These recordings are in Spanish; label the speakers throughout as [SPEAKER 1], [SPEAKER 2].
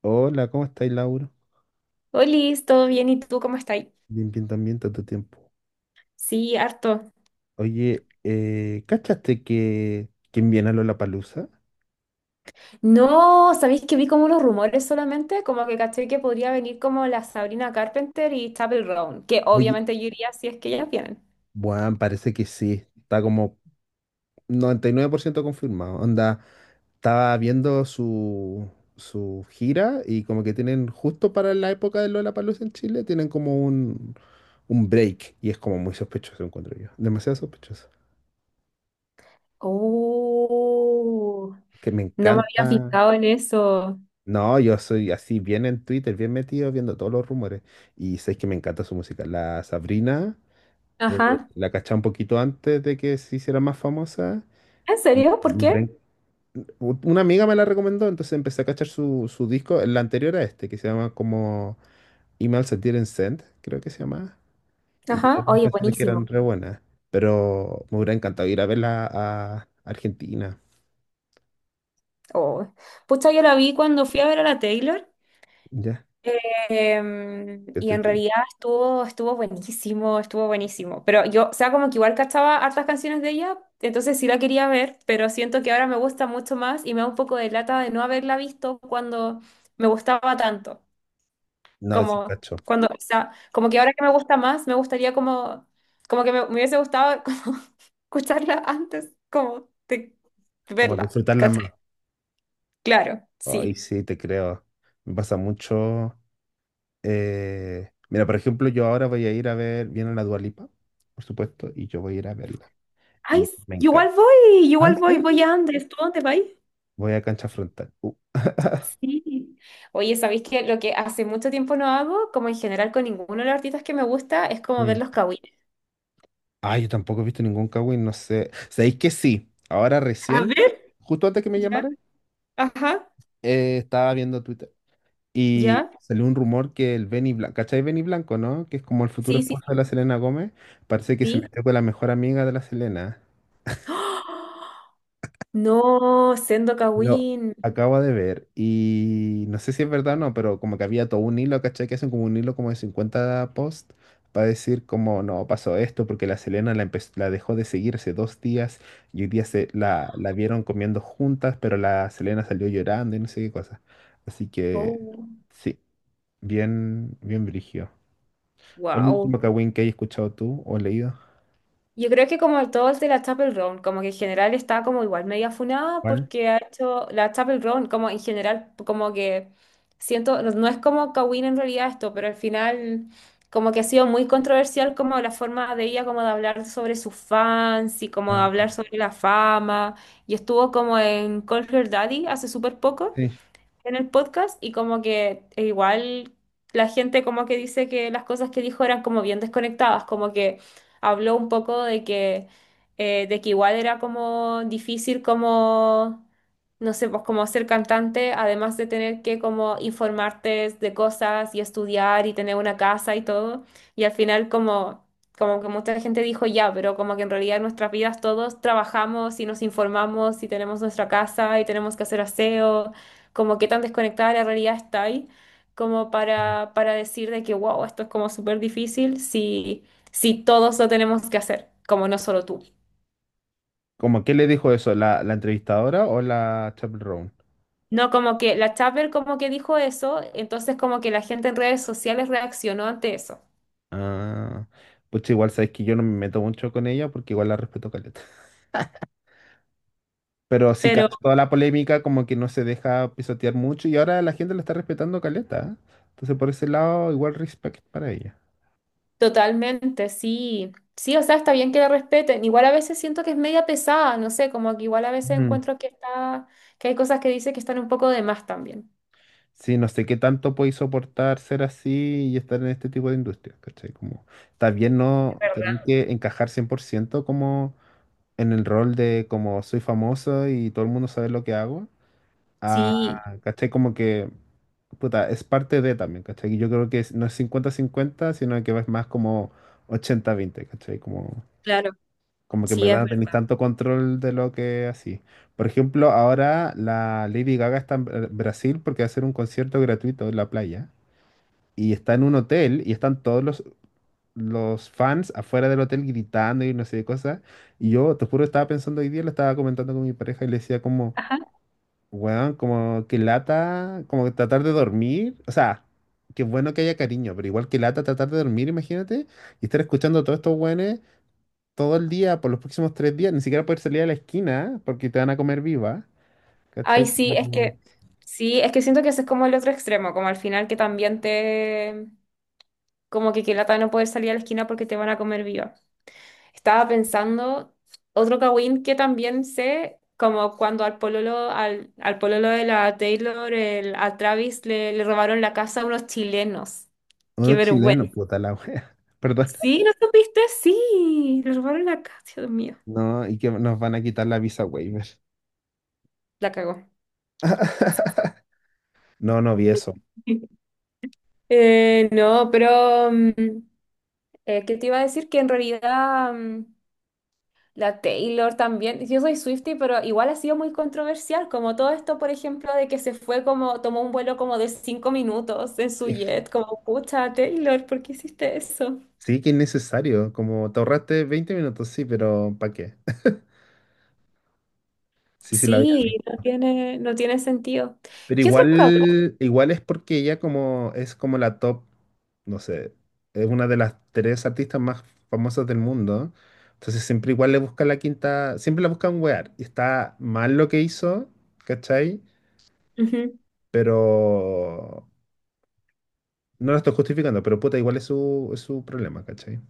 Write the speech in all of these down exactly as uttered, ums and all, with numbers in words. [SPEAKER 1] Hola, ¿cómo estáis, Lauro?
[SPEAKER 2] Liz, ¿todo bien? ¿Y tú cómo estás?
[SPEAKER 1] Bien, bien, también, tanto tiempo.
[SPEAKER 2] Sí, harto.
[SPEAKER 1] Oye, eh, ¿cachaste que quién viene a Lollapalooza?
[SPEAKER 2] No, ¿sabéis que vi como los rumores solamente? Como que caché que podría venir como la Sabrina Carpenter y Chappell Roan, que
[SPEAKER 1] Oye,
[SPEAKER 2] obviamente yo iría si es que ellas vienen.
[SPEAKER 1] bueno, parece que sí. Está como noventa y nueve por ciento confirmado. Onda, estaba viendo su, su gira y como que tienen justo para la época de Lollapalooza en Chile, tienen como un, un break y es como muy sospechoso, encuentro yo. Demasiado sospechoso.
[SPEAKER 2] Oh,
[SPEAKER 1] Que me
[SPEAKER 2] no me había
[SPEAKER 1] encanta.
[SPEAKER 2] fijado en eso.
[SPEAKER 1] No, yo soy así bien en Twitter, bien metido, viendo todos los rumores. Y sé que me encanta su música. La Sabrina, eh,
[SPEAKER 2] Ajá.
[SPEAKER 1] la caché un poquito antes de que se hiciera más famosa.
[SPEAKER 2] ¿En
[SPEAKER 1] Y-
[SPEAKER 2] serio? ¿Por
[SPEAKER 1] y
[SPEAKER 2] qué?
[SPEAKER 1] Bren- u- Una amiga me la recomendó, entonces empecé a cachar su, su disco, el anterior a este, que se llama como Email Sentir and Send, creo que se llama. Y
[SPEAKER 2] Ajá.
[SPEAKER 1] tenía unas
[SPEAKER 2] Oye,
[SPEAKER 1] canciones que eran
[SPEAKER 2] buenísimo.
[SPEAKER 1] re buenas. Pero me hubiera encantado ir a verla a Argentina.
[SPEAKER 2] Oh. Pucha, yo la vi cuando fui a ver a la Taylor.
[SPEAKER 1] Ya.
[SPEAKER 2] Em, y
[SPEAKER 1] Este-
[SPEAKER 2] en
[SPEAKER 1] este-
[SPEAKER 2] realidad estuvo, estuvo buenísimo, estuvo buenísimo. Pero yo, o sea, como que igual cachaba hartas canciones de ella, entonces sí la quería ver, pero siento que ahora me gusta mucho más y me da un poco de lata de no haberla visto cuando me gustaba tanto.
[SPEAKER 1] No, es
[SPEAKER 2] Como
[SPEAKER 1] cacho.
[SPEAKER 2] cuando, o sea, como que ahora que me gusta más, me gustaría como, como que me, me hubiese gustado como escucharla antes, como de
[SPEAKER 1] Como
[SPEAKER 2] verla,
[SPEAKER 1] disfrutarla
[SPEAKER 2] ¿cachai?
[SPEAKER 1] más.
[SPEAKER 2] Claro,
[SPEAKER 1] Ay,
[SPEAKER 2] sí.
[SPEAKER 1] sí, te creo. Me pasa mucho. eh, Mira, por ejemplo, yo ahora voy a ir a ver, viene la Dua Lipa, por supuesto, y yo voy a ir a verla.
[SPEAKER 2] Ay,
[SPEAKER 1] Y me
[SPEAKER 2] igual
[SPEAKER 1] encanta.
[SPEAKER 2] voy,
[SPEAKER 1] ¿Ah,
[SPEAKER 2] igual
[SPEAKER 1] en
[SPEAKER 2] voy, voy
[SPEAKER 1] serio?
[SPEAKER 2] a Andes, ¿tú a dónde vas?
[SPEAKER 1] Voy a Cancha Frontal. Uh,
[SPEAKER 2] Sí. Oye, ¿sabéis que lo que hace mucho tiempo no hago, como en general con ninguno de los artistas que me gusta, es como ver
[SPEAKER 1] mm.
[SPEAKER 2] los kawines?
[SPEAKER 1] Ah, yo tampoco he visto ningún Kawin, no sé. ¿Sabéis que sí? Ahora
[SPEAKER 2] A
[SPEAKER 1] recién,
[SPEAKER 2] ver,
[SPEAKER 1] justo antes que me
[SPEAKER 2] ya,
[SPEAKER 1] llamaran,
[SPEAKER 2] ajá,
[SPEAKER 1] eh, estaba viendo Twitter y
[SPEAKER 2] ya,
[SPEAKER 1] salió un rumor que el Benny Blanco, ¿cachai Benny Blanco, no? Que es como el futuro
[SPEAKER 2] sí, sí, sí,
[SPEAKER 1] esposo de la Selena Gómez. Parece que se
[SPEAKER 2] sí.
[SPEAKER 1] metió con la mejor amiga de la Selena.
[SPEAKER 2] ¡Ah! No, Sendo
[SPEAKER 1] Lo
[SPEAKER 2] Kawin.
[SPEAKER 1] acabo de ver y no sé si es verdad o no, pero como que había todo un hilo, ¿cachai? Que hacen como un hilo como de cincuenta posts para decir como no pasó esto porque la Selena la, empe- la dejó de seguir hace dos días y hoy día se la, la vieron comiendo juntas, pero la Selena salió llorando y no sé qué cosa. Así que
[SPEAKER 2] Oh,
[SPEAKER 1] sí, bien, bien brígido. ¿Cuál es el
[SPEAKER 2] wow.
[SPEAKER 1] último Kawin que hayas escuchado tú o leído?
[SPEAKER 2] Yo creo que como todo el de la Chapel Roan, como que en general está como igual media funada
[SPEAKER 1] ¿Cuál?
[SPEAKER 2] porque ha hecho la Chapel Roan, como en general, como que siento, no, no es como Kawin en realidad esto, pero al final como que ha sido muy controversial como la forma de ella como de hablar sobre sus fans y como de
[SPEAKER 1] Ah,
[SPEAKER 2] hablar sobre la fama y estuvo como en Call Her Daddy hace súper poco
[SPEAKER 1] sí.
[SPEAKER 2] en el podcast y como que e igual la gente como que dice que las cosas que dijo eran como bien desconectadas, como que habló un poco de que, eh, de que igual era como difícil como, no sé, pues como ser cantante, además de tener que como informarte de cosas y estudiar y tener una casa y todo, y al final como... Como que mucha gente dijo ya, pero como que en realidad en nuestras vidas todos trabajamos y nos informamos y tenemos nuestra casa y tenemos que hacer aseo como qué tan desconectada de la realidad está ahí, como para, para decir de que, wow, esto es como súper difícil si, si todos lo tenemos que hacer, como no solo tú.
[SPEAKER 1] ¿Cómo qué le dijo eso? ¿La, la entrevistadora o la Chappell?
[SPEAKER 2] No, como que la Chapel como que dijo eso, entonces como que la gente en redes sociales reaccionó ante eso.
[SPEAKER 1] Ah, pues igual sabes que yo no me meto mucho con ella porque igual la respeto caleta. Pero sí,
[SPEAKER 2] Pero
[SPEAKER 1] cacho, toda la polémica como que no se deja pisotear mucho y ahora la gente la está respetando caleta, ¿eh? Entonces por ese lado igual respect para ella.
[SPEAKER 2] totalmente, sí. Sí, o sea, está bien que la respeten. Igual a veces siento que es media pesada, no sé, como que igual a veces
[SPEAKER 1] Mm.
[SPEAKER 2] encuentro que está, que hay cosas que dice que están un poco de más también.
[SPEAKER 1] Sí, no sé qué tanto podéis soportar ser así y estar en este tipo de industria, ¿cachai? Como también
[SPEAKER 2] Es
[SPEAKER 1] no tener
[SPEAKER 2] verdad.
[SPEAKER 1] que encajar cien por ciento como en el rol de como soy famoso y todo el mundo sabe lo que hago. Ah,
[SPEAKER 2] Sí,
[SPEAKER 1] ¿cachai? Como que, puta, es parte de también, ¿cachai? Y yo creo que es- no es cincuenta cincuenta sino que es más como ochenta a veinte, ¿cachai? Como,
[SPEAKER 2] claro,
[SPEAKER 1] como que en
[SPEAKER 2] sí
[SPEAKER 1] verdad
[SPEAKER 2] es
[SPEAKER 1] no tenéis
[SPEAKER 2] verdad.
[SPEAKER 1] tanto control de lo que así. Por ejemplo, ahora la Lady Gaga está en Bra- Brasil porque va a hacer un concierto gratuito en la playa. Y está en un hotel y están todos los, los fans afuera del hotel gritando y no sé qué cosas. Y yo, te juro, estaba pensando hoy día, lo estaba comentando con mi pareja y le decía como... Weón, como que lata, como que tratar de dormir. O sea, qué bueno que haya cariño, pero igual que lata tratar de dormir, imagínate, y estar escuchando a todos estos weones todo el día, por los próximos tres días, ni siquiera poder salir a la esquina porque te van a comer viva.
[SPEAKER 2] Ay,
[SPEAKER 1] ¿Cachai?
[SPEAKER 2] sí, es
[SPEAKER 1] Como
[SPEAKER 2] que, sí, es que siento que ese es como el otro extremo, como al final que también te, como que qué lata no poder salir a la esquina porque te van a comer viva. Estaba pensando, otro Kawin que también sé, como cuando al pololo, al, al pololo de la Taylor, el, a Travis le, le robaron la casa a unos chilenos. Qué
[SPEAKER 1] Uno chileno,
[SPEAKER 2] vergüenza.
[SPEAKER 1] puta la wea. Perdón.
[SPEAKER 2] Sí, ¿no supiste? Sí, le robaron la casa, Dios mío.
[SPEAKER 1] No, y que nos van a quitar la visa waiver.
[SPEAKER 2] La cagó.
[SPEAKER 1] No, no vi eso.
[SPEAKER 2] Eh, no, pero mm, eh, ¿qué te iba a decir? Que en realidad mm, la Taylor también, yo soy Swiftie, pero igual ha sido muy controversial, como todo esto, por ejemplo, de que se fue como, tomó un vuelo como de cinco minutos en su
[SPEAKER 1] Sí,
[SPEAKER 2] jet, como, pucha, Taylor, ¿por qué hiciste eso?
[SPEAKER 1] sí que es necesario. Como te ahorraste veinte minutos, sí, ¿pero para qué? Sí, sí, la vi.
[SPEAKER 2] Sí, no tiene, no tiene sentido.
[SPEAKER 1] Pero
[SPEAKER 2] ¿Qué otro cabrón?
[SPEAKER 1] igual, igual es porque ella como es como la top, no sé, es una de las tres artistas más famosas del mundo. Entonces siempre igual le buscan la quinta, siempre la buscan wear. Y está mal lo que hizo, ¿cachai?
[SPEAKER 2] Ujú.
[SPEAKER 1] Pero no lo estoy justificando, pero puta, igual es su, es su problema, ¿cachai?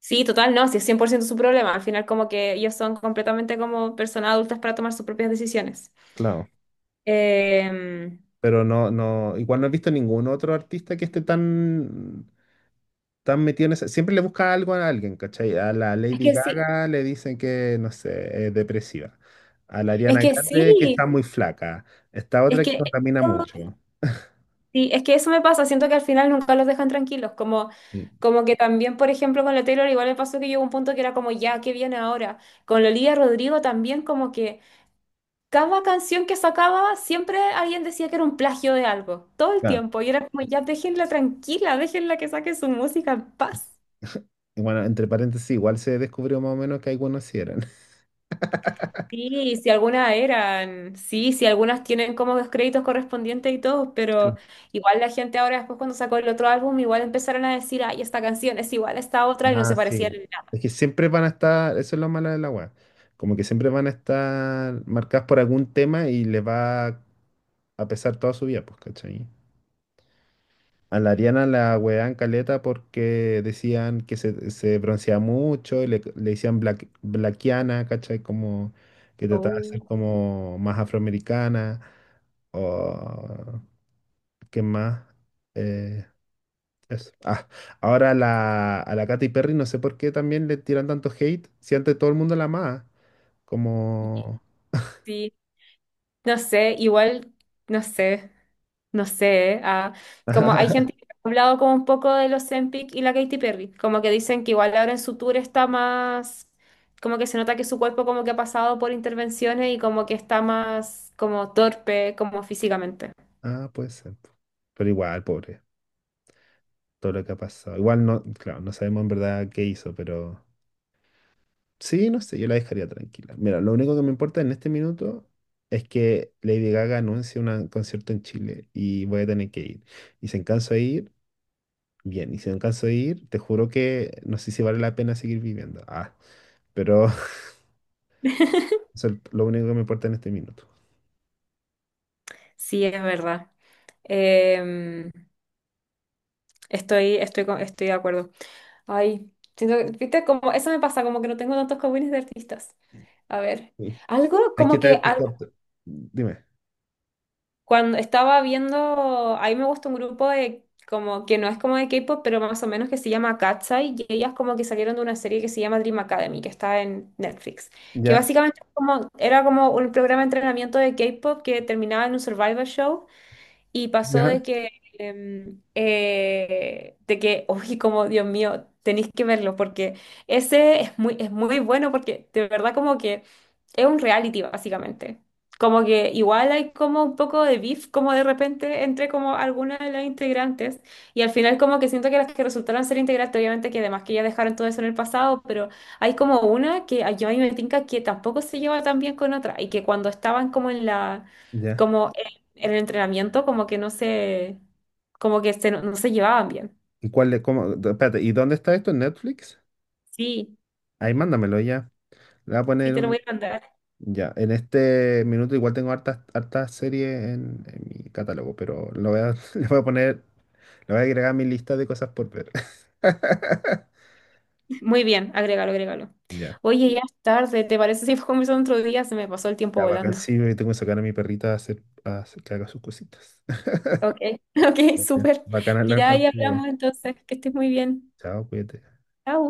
[SPEAKER 2] Sí, total, no, sí, es cien por ciento su problema. Al final, como que ellos son completamente como personas adultas para tomar sus propias decisiones.
[SPEAKER 1] Claro.
[SPEAKER 2] Em,
[SPEAKER 1] Pero no, no, igual no he visto ningún otro artista que esté tan están metidos en esa- Siempre le busca algo a alguien, ¿cachai? A la
[SPEAKER 2] es
[SPEAKER 1] Lady
[SPEAKER 2] que sí,
[SPEAKER 1] Gaga le dicen que, no sé, es depresiva. A la
[SPEAKER 2] es
[SPEAKER 1] Ariana
[SPEAKER 2] que
[SPEAKER 1] Grande que está
[SPEAKER 2] sí,
[SPEAKER 1] muy flaca. Esta
[SPEAKER 2] es
[SPEAKER 1] otra que
[SPEAKER 2] que...
[SPEAKER 1] contamina mucho.
[SPEAKER 2] Sí, es que eso me pasa, siento que al final nunca los dejan tranquilos, como,
[SPEAKER 1] Sí.
[SPEAKER 2] como que también, por ejemplo, con la Taylor igual me pasó que llegó un punto que era como, ya, ¿qué viene ahora? Con la Olivia Rodrigo también como que cada canción que sacaba siempre alguien decía que era un plagio de algo, todo el
[SPEAKER 1] Ah,
[SPEAKER 2] tiempo, y era como, ya, déjenla tranquila, déjenla que saque su música en paz.
[SPEAKER 1] y bueno, entre paréntesis, igual se descubrió más o menos que algunos sí eran.
[SPEAKER 2] Sí, si algunas eran, sí, si algunas tienen como los créditos correspondientes y todo, pero
[SPEAKER 1] Sí.
[SPEAKER 2] igual la gente ahora después cuando sacó el otro álbum, igual empezaron a decir, ay, esta canción es igual a esta otra y no
[SPEAKER 1] Ah,
[SPEAKER 2] se parecían
[SPEAKER 1] sí.
[SPEAKER 2] en nada.
[SPEAKER 1] Es que siempre van a estar, eso es lo malo del agua, como que siempre van a estar marcadas por algún tema y les va a pesar toda su vida, pues, ¿cachai? A la Ariana la hueveaban caleta porque decían que se, se bronceaba mucho y le, le decían black, blackiana, ¿cachai? Como que trataba de ser
[SPEAKER 2] Oh.
[SPEAKER 1] como más afroamericana o qué más. Eh, eso. Ah, ahora la, a la Katy Perry no sé por qué también le tiran tanto hate si antes todo el mundo la amaba. Como...
[SPEAKER 2] Sí, no sé, igual, no sé. No sé, ¿eh? Ah, como hay gente que ha hablado como un poco de los Ozempic y la Katy Perry, como que dicen que igual ahora en su tour está más, como que se nota que su cuerpo como que ha pasado por intervenciones y como que está más como torpe, como físicamente.
[SPEAKER 1] Ah, puede ser. Pero igual, pobre, todo lo que ha pasado. Igual no, claro, no sabemos en verdad qué hizo, pero... Sí, no sé, yo la dejaría tranquila. Mira, lo único que me importa en este minuto es que Lady Gaga anuncie un concierto en Chile y voy a tener que ir. Y si canso de ir, bien. Y si no canso de ir, te juro que no sé si vale la pena seguir viviendo. Ah, pero eso es lo único que me importa en este minuto.
[SPEAKER 2] Sí, es verdad. Em, estoy, estoy, con- estoy de acuerdo. Ay, siento que- viste, como eso me pasa, como que no tengo tantos cowines de artistas. A ver,
[SPEAKER 1] Sí.
[SPEAKER 2] algo
[SPEAKER 1] Es que
[SPEAKER 2] como
[SPEAKER 1] te,
[SPEAKER 2] que
[SPEAKER 1] te corto. Dime.
[SPEAKER 2] Cuando estaba viendo, ahí me gusta un grupo de como que no es como de K-pop, pero más o menos que se llama Katsai, y ellas como que salieron de una serie que se llama Dream Academy, que está en Netflix, que
[SPEAKER 1] Ya,
[SPEAKER 2] básicamente es como, era como un programa de entrenamiento de K-pop que terminaba en un survival show y pasó
[SPEAKER 1] ya,
[SPEAKER 2] de que, em, eh, de que, uy, como Dios mío, tenéis que verlo porque ese es muy, es muy bueno porque de verdad como que es un reality básicamente. Como que igual hay como un poco de beef como de repente entre como algunas de las integrantes y al final como que siento que las que resultaron ser integrantes, obviamente que además que ya dejaron todo eso en el pasado, pero hay como una que a- yo a mí me tinca que tampoco se lleva tan bien con otra y que cuando estaban como en la...
[SPEAKER 1] ya.
[SPEAKER 2] como en el entrenamiento como que no se, como que se, no, no se llevaban bien.
[SPEAKER 1] ¿Y cuál de, cómo? Espérate, ¿y dónde está esto? ¿En Netflix?
[SPEAKER 2] Sí,
[SPEAKER 1] Ahí mándamelo ya. Le voy a
[SPEAKER 2] sí
[SPEAKER 1] poner
[SPEAKER 2] te lo
[SPEAKER 1] un
[SPEAKER 2] voy a mandar.
[SPEAKER 1] Ya, en este minuto igual tengo hartas, hartas series en, en mi catálogo, pero lo voy a, le voy a poner, lo voy a agregar a mi lista de cosas por ver.
[SPEAKER 2] Muy bien, agrégalo, agrégalo.
[SPEAKER 1] Ya,
[SPEAKER 2] Oye, ya es tarde, ¿te parece si conversamos otro día? Se me pasó el tiempo
[SPEAKER 1] ya bacán.
[SPEAKER 2] volando.
[SPEAKER 1] Sí, me tengo que sacar a mi perrita a hacer, a hacer que haga sus cositas.
[SPEAKER 2] Ok, ok,
[SPEAKER 1] Ya,
[SPEAKER 2] súper.
[SPEAKER 1] bacán hablar
[SPEAKER 2] Ya ahí hablamos
[SPEAKER 1] contigo.
[SPEAKER 2] entonces, que estés muy bien.
[SPEAKER 1] Chao, cuídate.
[SPEAKER 2] Chao.